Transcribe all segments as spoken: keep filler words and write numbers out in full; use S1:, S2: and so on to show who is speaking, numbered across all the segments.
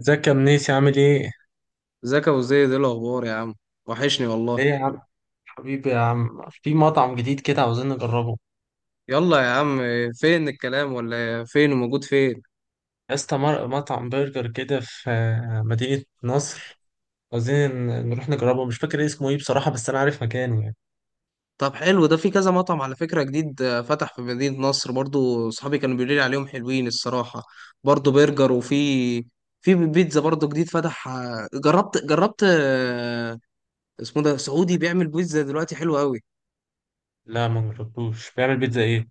S1: ازيك يا منيسي، عامل ايه؟
S2: ازيك يا ابو زيد؟ ايه الاخبار يا عم؟ وحشني والله.
S1: ايه يا عم، حبيبي يا عم. في مطعم جديد كده عاوزين نجربه.
S2: يلا يا عم. فين الكلام ولا فين وموجود فين؟
S1: يا اسطى، مر- مطعم برجر كده في آه، مدينة نصر. عاوزين ن- نروح نجربه، مش فاكر اسمه ايه بصراحة، بس انا عارف مكانه يعني.
S2: طب حلو، ده في كذا مطعم على فكرة جديد آه، فتح في مدينة نصر، برضو صحابي كانوا بيقولوا لي عليهم حلوين الصراحة. برضو برجر، وفي في بيتزا برضو جديد فتح، آه، جربت جربت آه، اسمه ده سعودي، بيعمل بيتزا دلوقتي حلو قوي.
S1: لا، ما جربتوش. بيعمل بيتزا ايه؟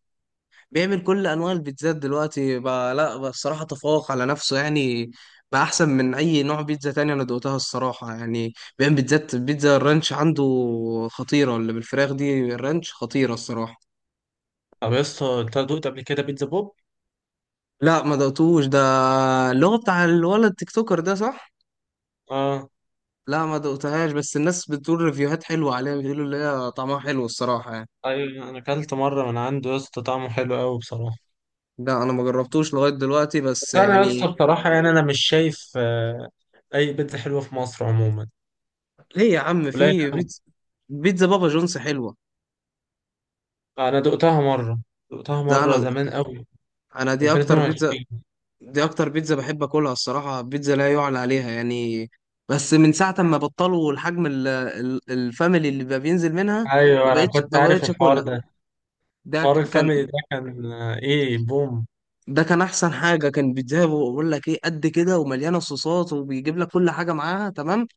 S2: بيعمل كل انواع البيتزات دلوقتي بقى، لا بقى الصراحه تفوق على نفسه يعني، بقى احسن من اي نوع بيتزا تاني، انا دوقتها الصراحه يعني. بيعمل بيتزات بيتزا الرانش عنده خطيره، اللي بالفراخ دي الرانش خطيره الصراحه.
S1: طب يا اسطى، انت دقت قبل كده بيتزا بوب؟
S2: لا ما دقتوش ده، اللي هو بتاع الولد تيك توكر ده، صح؟
S1: اه.
S2: لا ما دقتهاش، بس الناس بتقول ريفيوهات حلوه عليها، بيقولوا اللي هي طعمها حلو الصراحه يعني.
S1: ايوه، انا اكلت مرة من عنده يا اسطى، طعمه حلو قوي بصراحة.
S2: لا انا ما جربتوش لغايه دلوقتي
S1: بس
S2: بس
S1: انا يا اسطى
S2: يعني.
S1: بصراحة، يعني انا مش شايف آه، اي بيتزا حلوه في مصر عموما.
S2: ليه يا عم؟
S1: قليل
S2: في
S1: قوي.
S2: بيتزا، بيتزا بابا جونز حلوه.
S1: انا دقتها مرة، دقتها
S2: لا
S1: مرة
S2: انا
S1: زمان قوي.
S2: انا دي اكتر بيتزا
S1: ألفين واثنين وعشرين.
S2: دي اكتر بيتزا بحب اكلها الصراحه، بيتزا لا يعلى عليها يعني. بس من ساعه ما بطلوا الحجم ال- ال- الفاميلي اللي بقى بينزل منها، ما
S1: ايوه انا
S2: بقتش
S1: كنت
S2: ما
S1: عارف
S2: بقتش
S1: الحوار
S2: اكلها.
S1: ده.
S2: ده
S1: حوار
S2: ك- كان،
S1: الفاميلي ده كان آه، ايه، بوم.
S2: ده كان احسن حاجه، كان بيتزا بقول لك ايه قد كده، ومليانه صوصات، وبيجيب لك كل حاجه معاها تمام،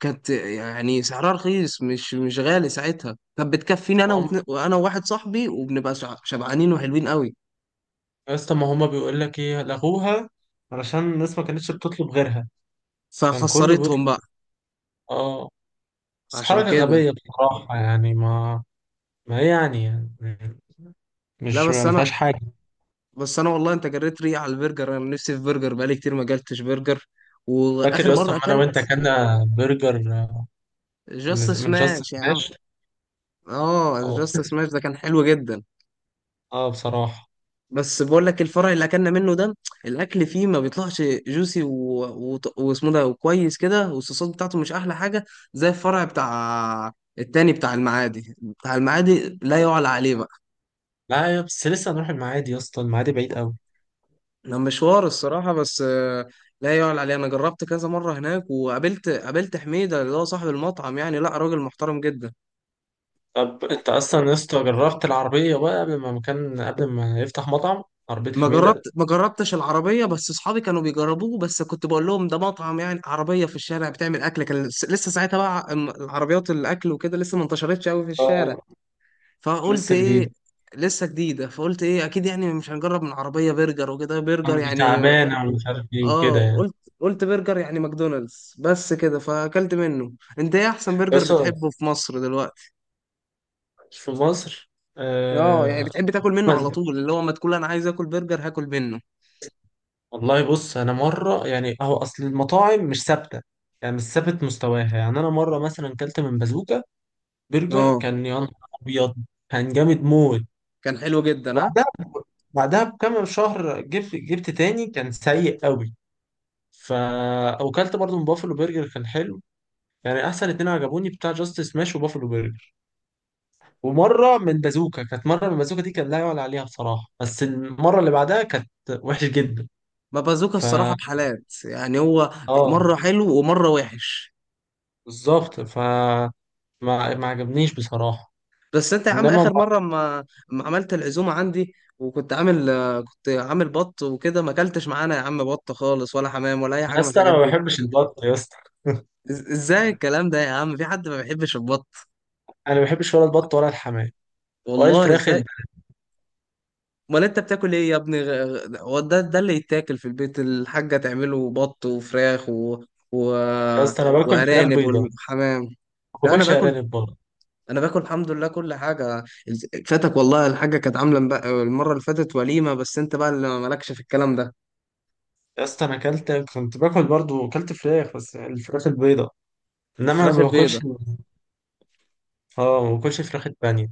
S2: كانت يعني سعرها رخيص، مش مش غالي ساعتها، كانت بتكفيني انا
S1: ما
S2: واتنين-
S1: هم.
S2: وانا وواحد صاحبي، وبنبقى شع- شبعانين وحلوين قوي.
S1: يا اسطى، ما هم بيقول لك ايه؟ لغوها علشان الناس ما كانتش بتطلب غيرها. كان كله
S2: فخسرتهم
S1: بيطلب.
S2: بقى،
S1: اه. بس
S2: عشان
S1: حركة
S2: كده.
S1: غبية بصراحة يعني. ما ما ايه يعني يعني؟
S2: لا
S1: مش،
S2: بس
S1: ما
S2: انا
S1: فيهاش حاجة.
S2: بس انا والله انت جريت ريقي على البرجر، انا نفسي في برجر، بقالي كتير ما اكلتش برجر،
S1: فاكر
S2: واخر
S1: يا اسطى
S2: مره
S1: أما انا وانت
S2: اكلت
S1: كنا برجر، آه، من
S2: جاست
S1: من جاست
S2: سماش يا عم.
S1: سماش.
S2: اه
S1: اه.
S2: جاست سماش ده كان حلو جدا،
S1: اه بصراحة.
S2: بس بقول لك الفرع اللي اكلنا منه ده الاكل فيه ما بيطلعش جوسي و... و... واسمه ده، وكويس كده، والصوصات بتاعته مش احلى حاجه، زي الفرع بتاع التاني بتاع المعادي بتاع المعادي لا يعلى عليه.
S1: لا يا، بس لسه هنروح المعادي يا اسطى؟ المعادي بعيد قوي.
S2: ده مشوار الصراحة بس، آه، لا يعلى عليه، أنا جربت كذا مرة هناك، وقابلت قابلت حميدة، اللي هو صاحب المطعم يعني، لا راجل محترم جدا.
S1: طب انت اصلا يا اسطى جربت العربيه بقى قبل ما مكان قبل ما يفتح مطعم، عربيه
S2: ما
S1: حميده.
S2: جربت ما جربتش العربية، بس أصحابي كانوا بيجربوه، بس كنت بقول لهم ده مطعم يعني عربية في الشارع بتعمل أكل، كان لس- لسه ساعتها بقى الم- العربيات الأكل وكده لسه ما انتشرتش أوي في الشارع،
S1: اه،
S2: فقلت
S1: لسه
S2: إيه،
S1: جديده.
S2: لسه جديدة، فقلت إيه أكيد يعني مش هنجرب من عربية برجر وكده، برجر
S1: كان دي
S2: يعني.
S1: تعبانه ومش عارف ايه وكده
S2: اه
S1: يعني.
S2: قلت قلت برجر يعني ماكدونالدز بس كده، فاكلت منه. انت ايه احسن
S1: يا
S2: برجر
S1: اسطى،
S2: بتحبه في مصر دلوقتي؟
S1: في مصر،
S2: اه، يعني
S1: آه
S2: بتحب تاكل منه
S1: بس-
S2: على طول، اللي هو ما تقول انا عايز اكل برجر، هاكل منه.
S1: والله بص، انا مره يعني، هو اصل المطاعم مش ثابته. يعني مش ثابت مستواها، يعني انا مره مثلا كلت من بازوكا. برجر
S2: اه
S1: كان يا نهار ابيض، كان جامد موت.
S2: كان حلو جدا ها.
S1: بعدها، بعدها بكام شهر جبت جبت تاني، كان سيء قوي. فا وكلت برضو من بافلو برجر، كان حلو. يعني احسن اتنين عجبوني، بتاع جاستس ماش وبافلو برجر. ومره من بازوكا، كانت مره من بازوكا دي كان لا يعلى عليها بصراحه، بس المره اللي بعدها كانت وحشه جدا.
S2: ما بازوكا الصراحه
S1: فا.
S2: بحالات يعني، هو مره
S1: اه.
S2: حلو ومره وحش.
S1: بالظبط، فا. ما ما عجبنيش بصراحه.
S2: بس انت يا عم
S1: انما ما-
S2: اخر مره ما ما عملت العزومه عندي، وكنت عامل آه، كنت عامل بط وكده، ما اكلتش معانا يا عم بط خالص، ولا حمام، ولا اي
S1: يا
S2: حاجه من
S1: اسطى، انا
S2: الحاجات
S1: ما
S2: دي.
S1: بحبش البط يا اسطى.
S2: إز- ازاي الكلام ده يا عم، في حد ما بيحبش البط؟
S1: انا ما بحبش ولا البط ولا الحمام ولا
S2: والله
S1: الفراخ
S2: ازاي.
S1: الب-
S2: امال انت بتاكل ايه يا ابني؟ غ- غ- هو ده ده اللي يتاكل في البيت، الحاجه تعمله بط وفراخ و... و...
S1: يا اسطى، انا باكل فراخ
S2: وارانب
S1: بيضاء.
S2: والحمام.
S1: ما
S2: لا، انا
S1: باكلش
S2: باكل،
S1: ارانب برضه.
S2: انا باكل الحمد لله كل حاجه. فاتك والله الحاجه، كانت عامله مبق- المره اللي فاتت وليمه، بس انت بقى اللي مالكش في الكلام ده.
S1: يا اسطى انا اكلت، كنت باكل برضه، اكلت فراخ، بس الفراخ البيضاء. انما ما
S2: الفراخ
S1: باكلش.
S2: البيضه،
S1: اه، ما باكلش فراخ البانيه.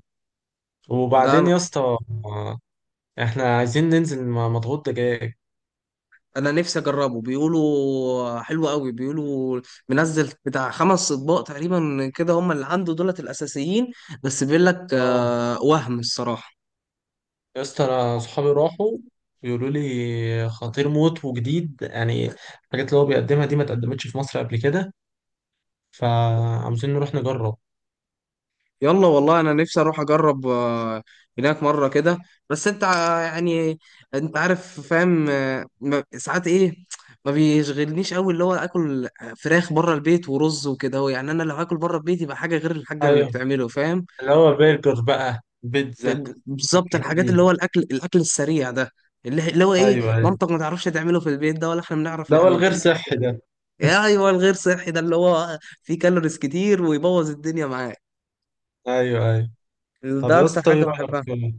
S2: ده
S1: وبعدين
S2: انا.
S1: يا اسطى، آه، احنا عايزين ننزل مع مضغوط دجاج.
S2: انا نفسي اجربه، بيقولوا حلو قوي، بيقولوا منزل بتاع خمس اطباق تقريبا كده، هم اللي عنده دولت الاساسيين. بس بيقول لك
S1: اه.
S2: آه، وهم الصراحه.
S1: يا اسطى، انا صحابي راحوا، بيقولوا لي خطير موت وجديد يعني. الحاجات اللي هو بيقدمها دي ما اتقدمتش في مصر قبل كده، فعاوزين نروح نجرب.
S2: يلا والله انا نفسي اروح اجرب، آه، هناك مره كده. بس انت ع- يعني، انت عارف فاهم، آه، ما- ساعات ايه، ما بيشغلنيش قوي اللي هو اكل فراخ بره البيت ورز وكده، هو يعني انا لو هاكل بره البيت يبقى حاجه غير الحاجه اللي
S1: ايوه،
S2: بتعمله، فاهم؟
S1: اللي هو برجر بقى
S2: ب-
S1: بيتزا.
S2: ب- بالظبط
S1: الحاجات
S2: الحاجات اللي هو
S1: دي.
S2: الاكل الاكل السريع ده، اللي اللي هو ايه
S1: ايوه، ايوه.
S2: مامتك ما تعرفش تعمله في البيت، ده ولا احنا بنعرف
S1: ده هو
S2: نعمله.
S1: الغير صحي ده.
S2: يا ايوه الغير صحي ده اللي هو فيه كالوريز كتير ويبوظ الدنيا معاك،
S1: ايوه، ايوه. طب
S2: ده
S1: يا
S2: اكتر
S1: اسطى ايه
S2: حاجه بحبها.
S1: رايك؟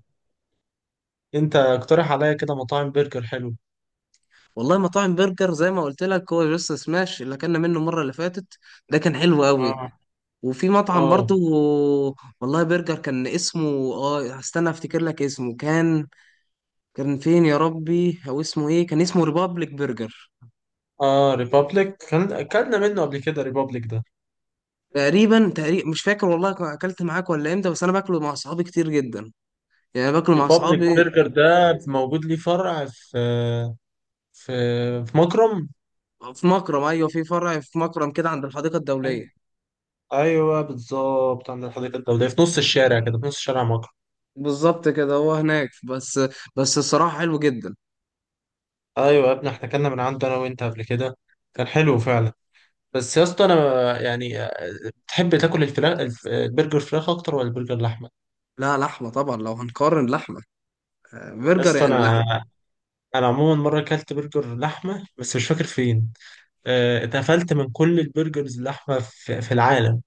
S1: انت اقترح عليا كده مطاعم برجر حلو.
S2: والله مطاعم برجر زي ما قلت لك هو جاست سماش، اللي اكلنا منه المره اللي فاتت ده كان حلو قوي.
S1: اه.
S2: وفي مطعم برضو،
S1: اه.
S2: والله، برجر كان اسمه، اه هستنى افتكر لك اسمه، كان كان فين يا ربي او اسمه ايه؟ كان اسمه ريبابليك برجر.
S1: اه، ريبابليك، كان اكلنا منه قبل كده ريبابليك ده.
S2: تقريبا تقريبا مش فاكر والله كان اكلت معاك ولا امتى، بس انا باكله مع اصحابي كتير جدا، يعني باكله مع
S1: ريبابليك
S2: اصحابي.
S1: برجر ده موجود ليه فرع في في في مكرم.
S2: في مكرم، ايوه في فرع في مكرم كده عند الحديقه الدوليه.
S1: ايوه، بالظبط، عند الحديقه الدوليه، في نص الشارع كده، في نص شارع مكرم.
S2: بالظبط كده، هو هناك بس، بس الصراحه حلو جدا.
S1: ايوه يا ابني، احنا اكلنا من عنده انا وانت قبل كده، كان حلو فعلا. بس يا اسطى انا، يعني آه، تحب تاكل الفراخ، الف- البرجر فراخ اكتر ولا البرجر لحمه؟
S2: لا لحمه طبعا، لو هنقارن لحمه،
S1: يا
S2: برجر
S1: اسطى،
S2: يعني
S1: انا
S2: لحمة.
S1: انا عموما مره اكلت برجر لحمه بس مش فاكر فين. آه، اتقفلت من كل البرجرز اللحمه في في العالم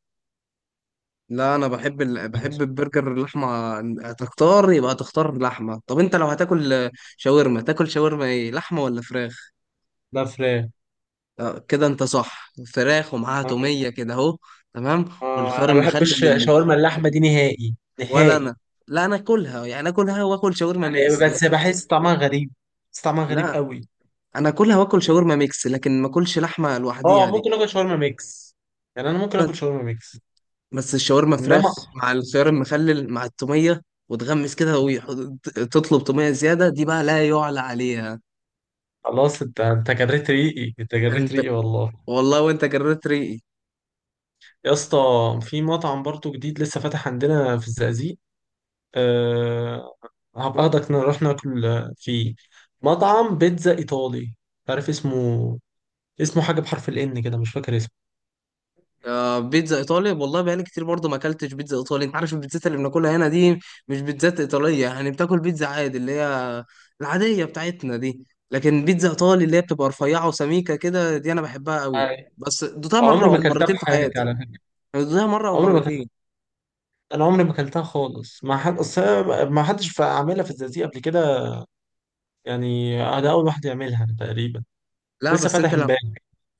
S2: لا انا بحب ال...
S1: ده.
S2: بحب البرجر اللحمة، هتختار يبقى تختار لحمة. طب انت لو هتاكل شاورما، تاكل شاورما ايه، لحمة ولا فراخ؟
S1: فراخ.
S2: آه، كده انت صح، فراخ ومعاها
S1: آه.
S2: تومية كده اهو. تمام.
S1: آه،
S2: والخيار
S1: انا ما بحبش
S2: المخلل اللي...
S1: شاورما اللحمه دي نهائي
S2: ولا
S1: نهائي.
S2: انا، لا انا اكلها يعني، اكلها واكل شاورما
S1: يعني،
S2: ميكس
S1: بس
S2: لكن،
S1: بحس طعمها غريب، بس طعمها غريب
S2: لا
S1: قوي.
S2: انا اكلها واكل شاورما ميكس لكن ما اكلش لحمة لوحديها
S1: اه
S2: دي.
S1: ممكن اكل شاورما ميكس، يعني انا ممكن اكل شاورما ميكس.
S2: بس الشاورما فراخ
S1: انما،
S2: مع الخيار المخلل مع التومية، وتغمس كده وتطلب تومية زيادة، دي بقى لا يعلى عليها.
S1: خلاص، انت انت جريت ريقي، انت جريت
S2: انت،
S1: ريقي والله.
S2: والله وانت جريت ريقي.
S1: يا اسطى، في مطعم برضو جديد لسه فاتح عندنا في الزقازيق. أه... هبقى اخدك نروح ناكل فيه. مطعم بيتزا ايطالي، عارف اسمه؟ اسمه حاجه بحرف الان كده، مش فاكر
S2: آه بيتزا ايطالي، والله بقالي كتير برضه ما اكلتش بيتزا ايطالي، انت عارف البيتزات اللي بناكلها هنا دي مش بيتزات ايطالية يعني، بتاكل بيتزا عادي اللي هي العادية بتاعتنا دي، لكن بيتزا ايطالي اللي هي بتبقى رفيعة وسميكة كده دي انا بحبها قوي،
S1: اسمه.
S2: بس دوتها مرة
S1: عمري ما
S2: او
S1: اكلتها
S2: مرتين
S1: في
S2: في
S1: حياتي
S2: حياتي،
S1: على فكره.
S2: يعني دوتها مرة او
S1: عمري ما اكلتها.
S2: مرتين.
S1: انا عمري ما اكلتها خالص. ما حد، اصل أنا ما حدش ف- عاملها في الزقازيق قبل كده. يعني انا اول واحد يعملها تقريبا.
S2: لا
S1: لسه
S2: بس
S1: فاتح
S2: انت لو،
S1: امبارح.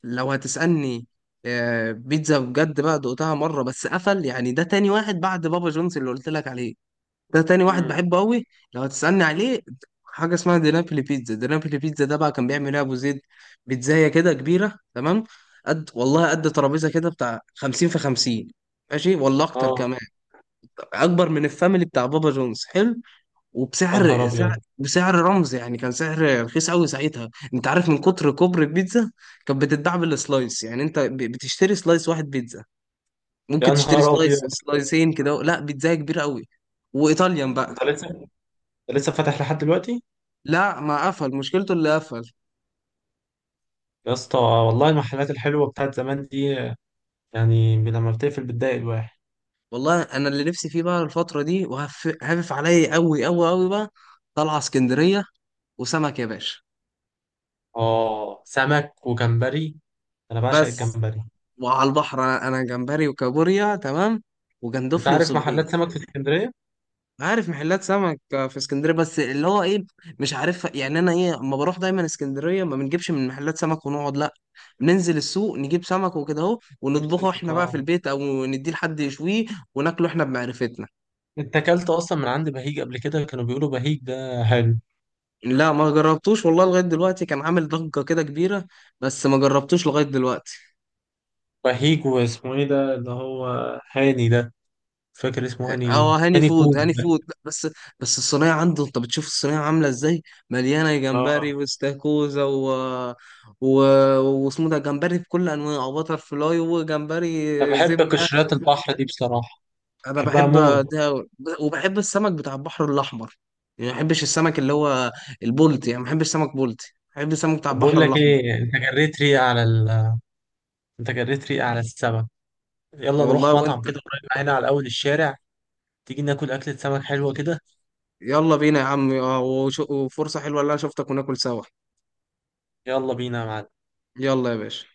S2: لو هتسألني، آه، بيتزا بجد بقى دقتها مرة بس، قفل يعني، ده تاني واحد بعد بابا جونز اللي قلت لك عليه، ده تاني واحد
S1: امم.
S2: بحبه قوي، لو هتسألني عليه، حاجة اسمها دينابلي بيتزا دينابلي بيتزا ده بقى كان بيعمل ايه أبو زيد، بيتزاية كده كبيرة تمام قد والله، قد ترابيزة كده بتاع خمسين في خمسين، ماشي والله أكتر
S1: اه.
S2: كمان، أكبر من الفاميلي بتاع بابا جونز، حلو.
S1: يا نهار
S2: وبسعر سعر
S1: ابيض.
S2: بسعر رمز يعني، كان سعر رخيص قوي ساعتها. انت عارف من كتر كبر البيتزا، كانت بتتباع بالسلايس، يعني انت ب- بتشتري سلايس واحد بيتزا، ممكن
S1: يا
S2: تشتري
S1: نهار ابيض،
S2: سلايس سلايسين كده، لا بيتزا كبيره قوي. وايطاليان بقى.
S1: انت لسه انت لسه فاتح لحد دلوقتي؟
S2: لا ما قفل، مشكلته اللي قفل.
S1: يا اسطى والله المحلات الحلوه بتاعت زمان دي، يعني لما بتقفل بتضايق الواحد.
S2: والله انا اللي نفسي فيه بقى الفتره دي، وهفف عليا قوي قوي قوي بقى، طالعه اسكندريه وسمك يا باشا.
S1: اه، سمك وجمبري، انا بعشق
S2: بس
S1: الجمبري.
S2: وعلى البحر، انا أنا جمبري وكابوريا تمام،
S1: انت
S2: وجندفلي
S1: عارف
S2: وصبيط.
S1: محلات سمك في اسكندريه؟
S2: عارف محلات سمك في اسكندريه بس اللي هو ايه، مش عارف يعني انا ايه، اما بروح دايما اسكندريه ما بنجيبش من محلات سمك ونقعد، لا ننزل السوق نجيب سمك وكده اهو
S1: جيب
S2: ونطبخه
S1: سمك،
S2: احنا بقى في
S1: اه.
S2: البيت، او نديه لحد يشويه وناكله احنا بمعرفتنا.
S1: انت اكلت اصلا من عند بهيج قبل كده؟ كانوا بيقولوا بهيج ده حلو.
S2: لا ما جربتوش والله لغايه دلوقتي، كان عامل ضجه كده كبيره، بس ما جربتوش لغايه دلوقتي.
S1: بهيج واسمه ايه ده اللي هو، هاني ده، فاكر اسمه هاني ايه؟
S2: اه هاني
S1: هاني
S2: فود،
S1: فوق
S2: هاني
S1: ده.
S2: فود، لا بس. بس الصينيه عنده، انت بتشوف الصينيه عامله ازاي، مليانه
S1: اه،
S2: جمبري واستاكوزا و... و... واسمه ده، جمبري بكل انواعه وبتر فلاي وجمبري
S1: انا بحب
S2: زبده.
S1: قشريات البحر دي بصراحه،
S2: انا
S1: بحبها
S2: بحب
S1: موت.
S2: ده، وبحب السمك بتاع البحر الاحمر، يعني ما بحبش السمك اللي هو البولتي، يعني ما بحبش سمك بولتي، بحب السمك بتاع
S1: طب بقول
S2: البحر
S1: لك
S2: الاحمر.
S1: ايه، انت جريت ريقة على ال... انت جريت ريقة على السمك. يلا نروح
S2: والله
S1: مطعم
S2: وانت،
S1: كده قريب هنا على اول الشارع، تيجي ناكل اكلة سمك حلوة كده.
S2: يلا بينا يا عم، اه، وش- وفرصه حلوه اللي انا شفتك وناكل سوا.
S1: يلا بينا يا معلم.
S2: يلا يا باشا.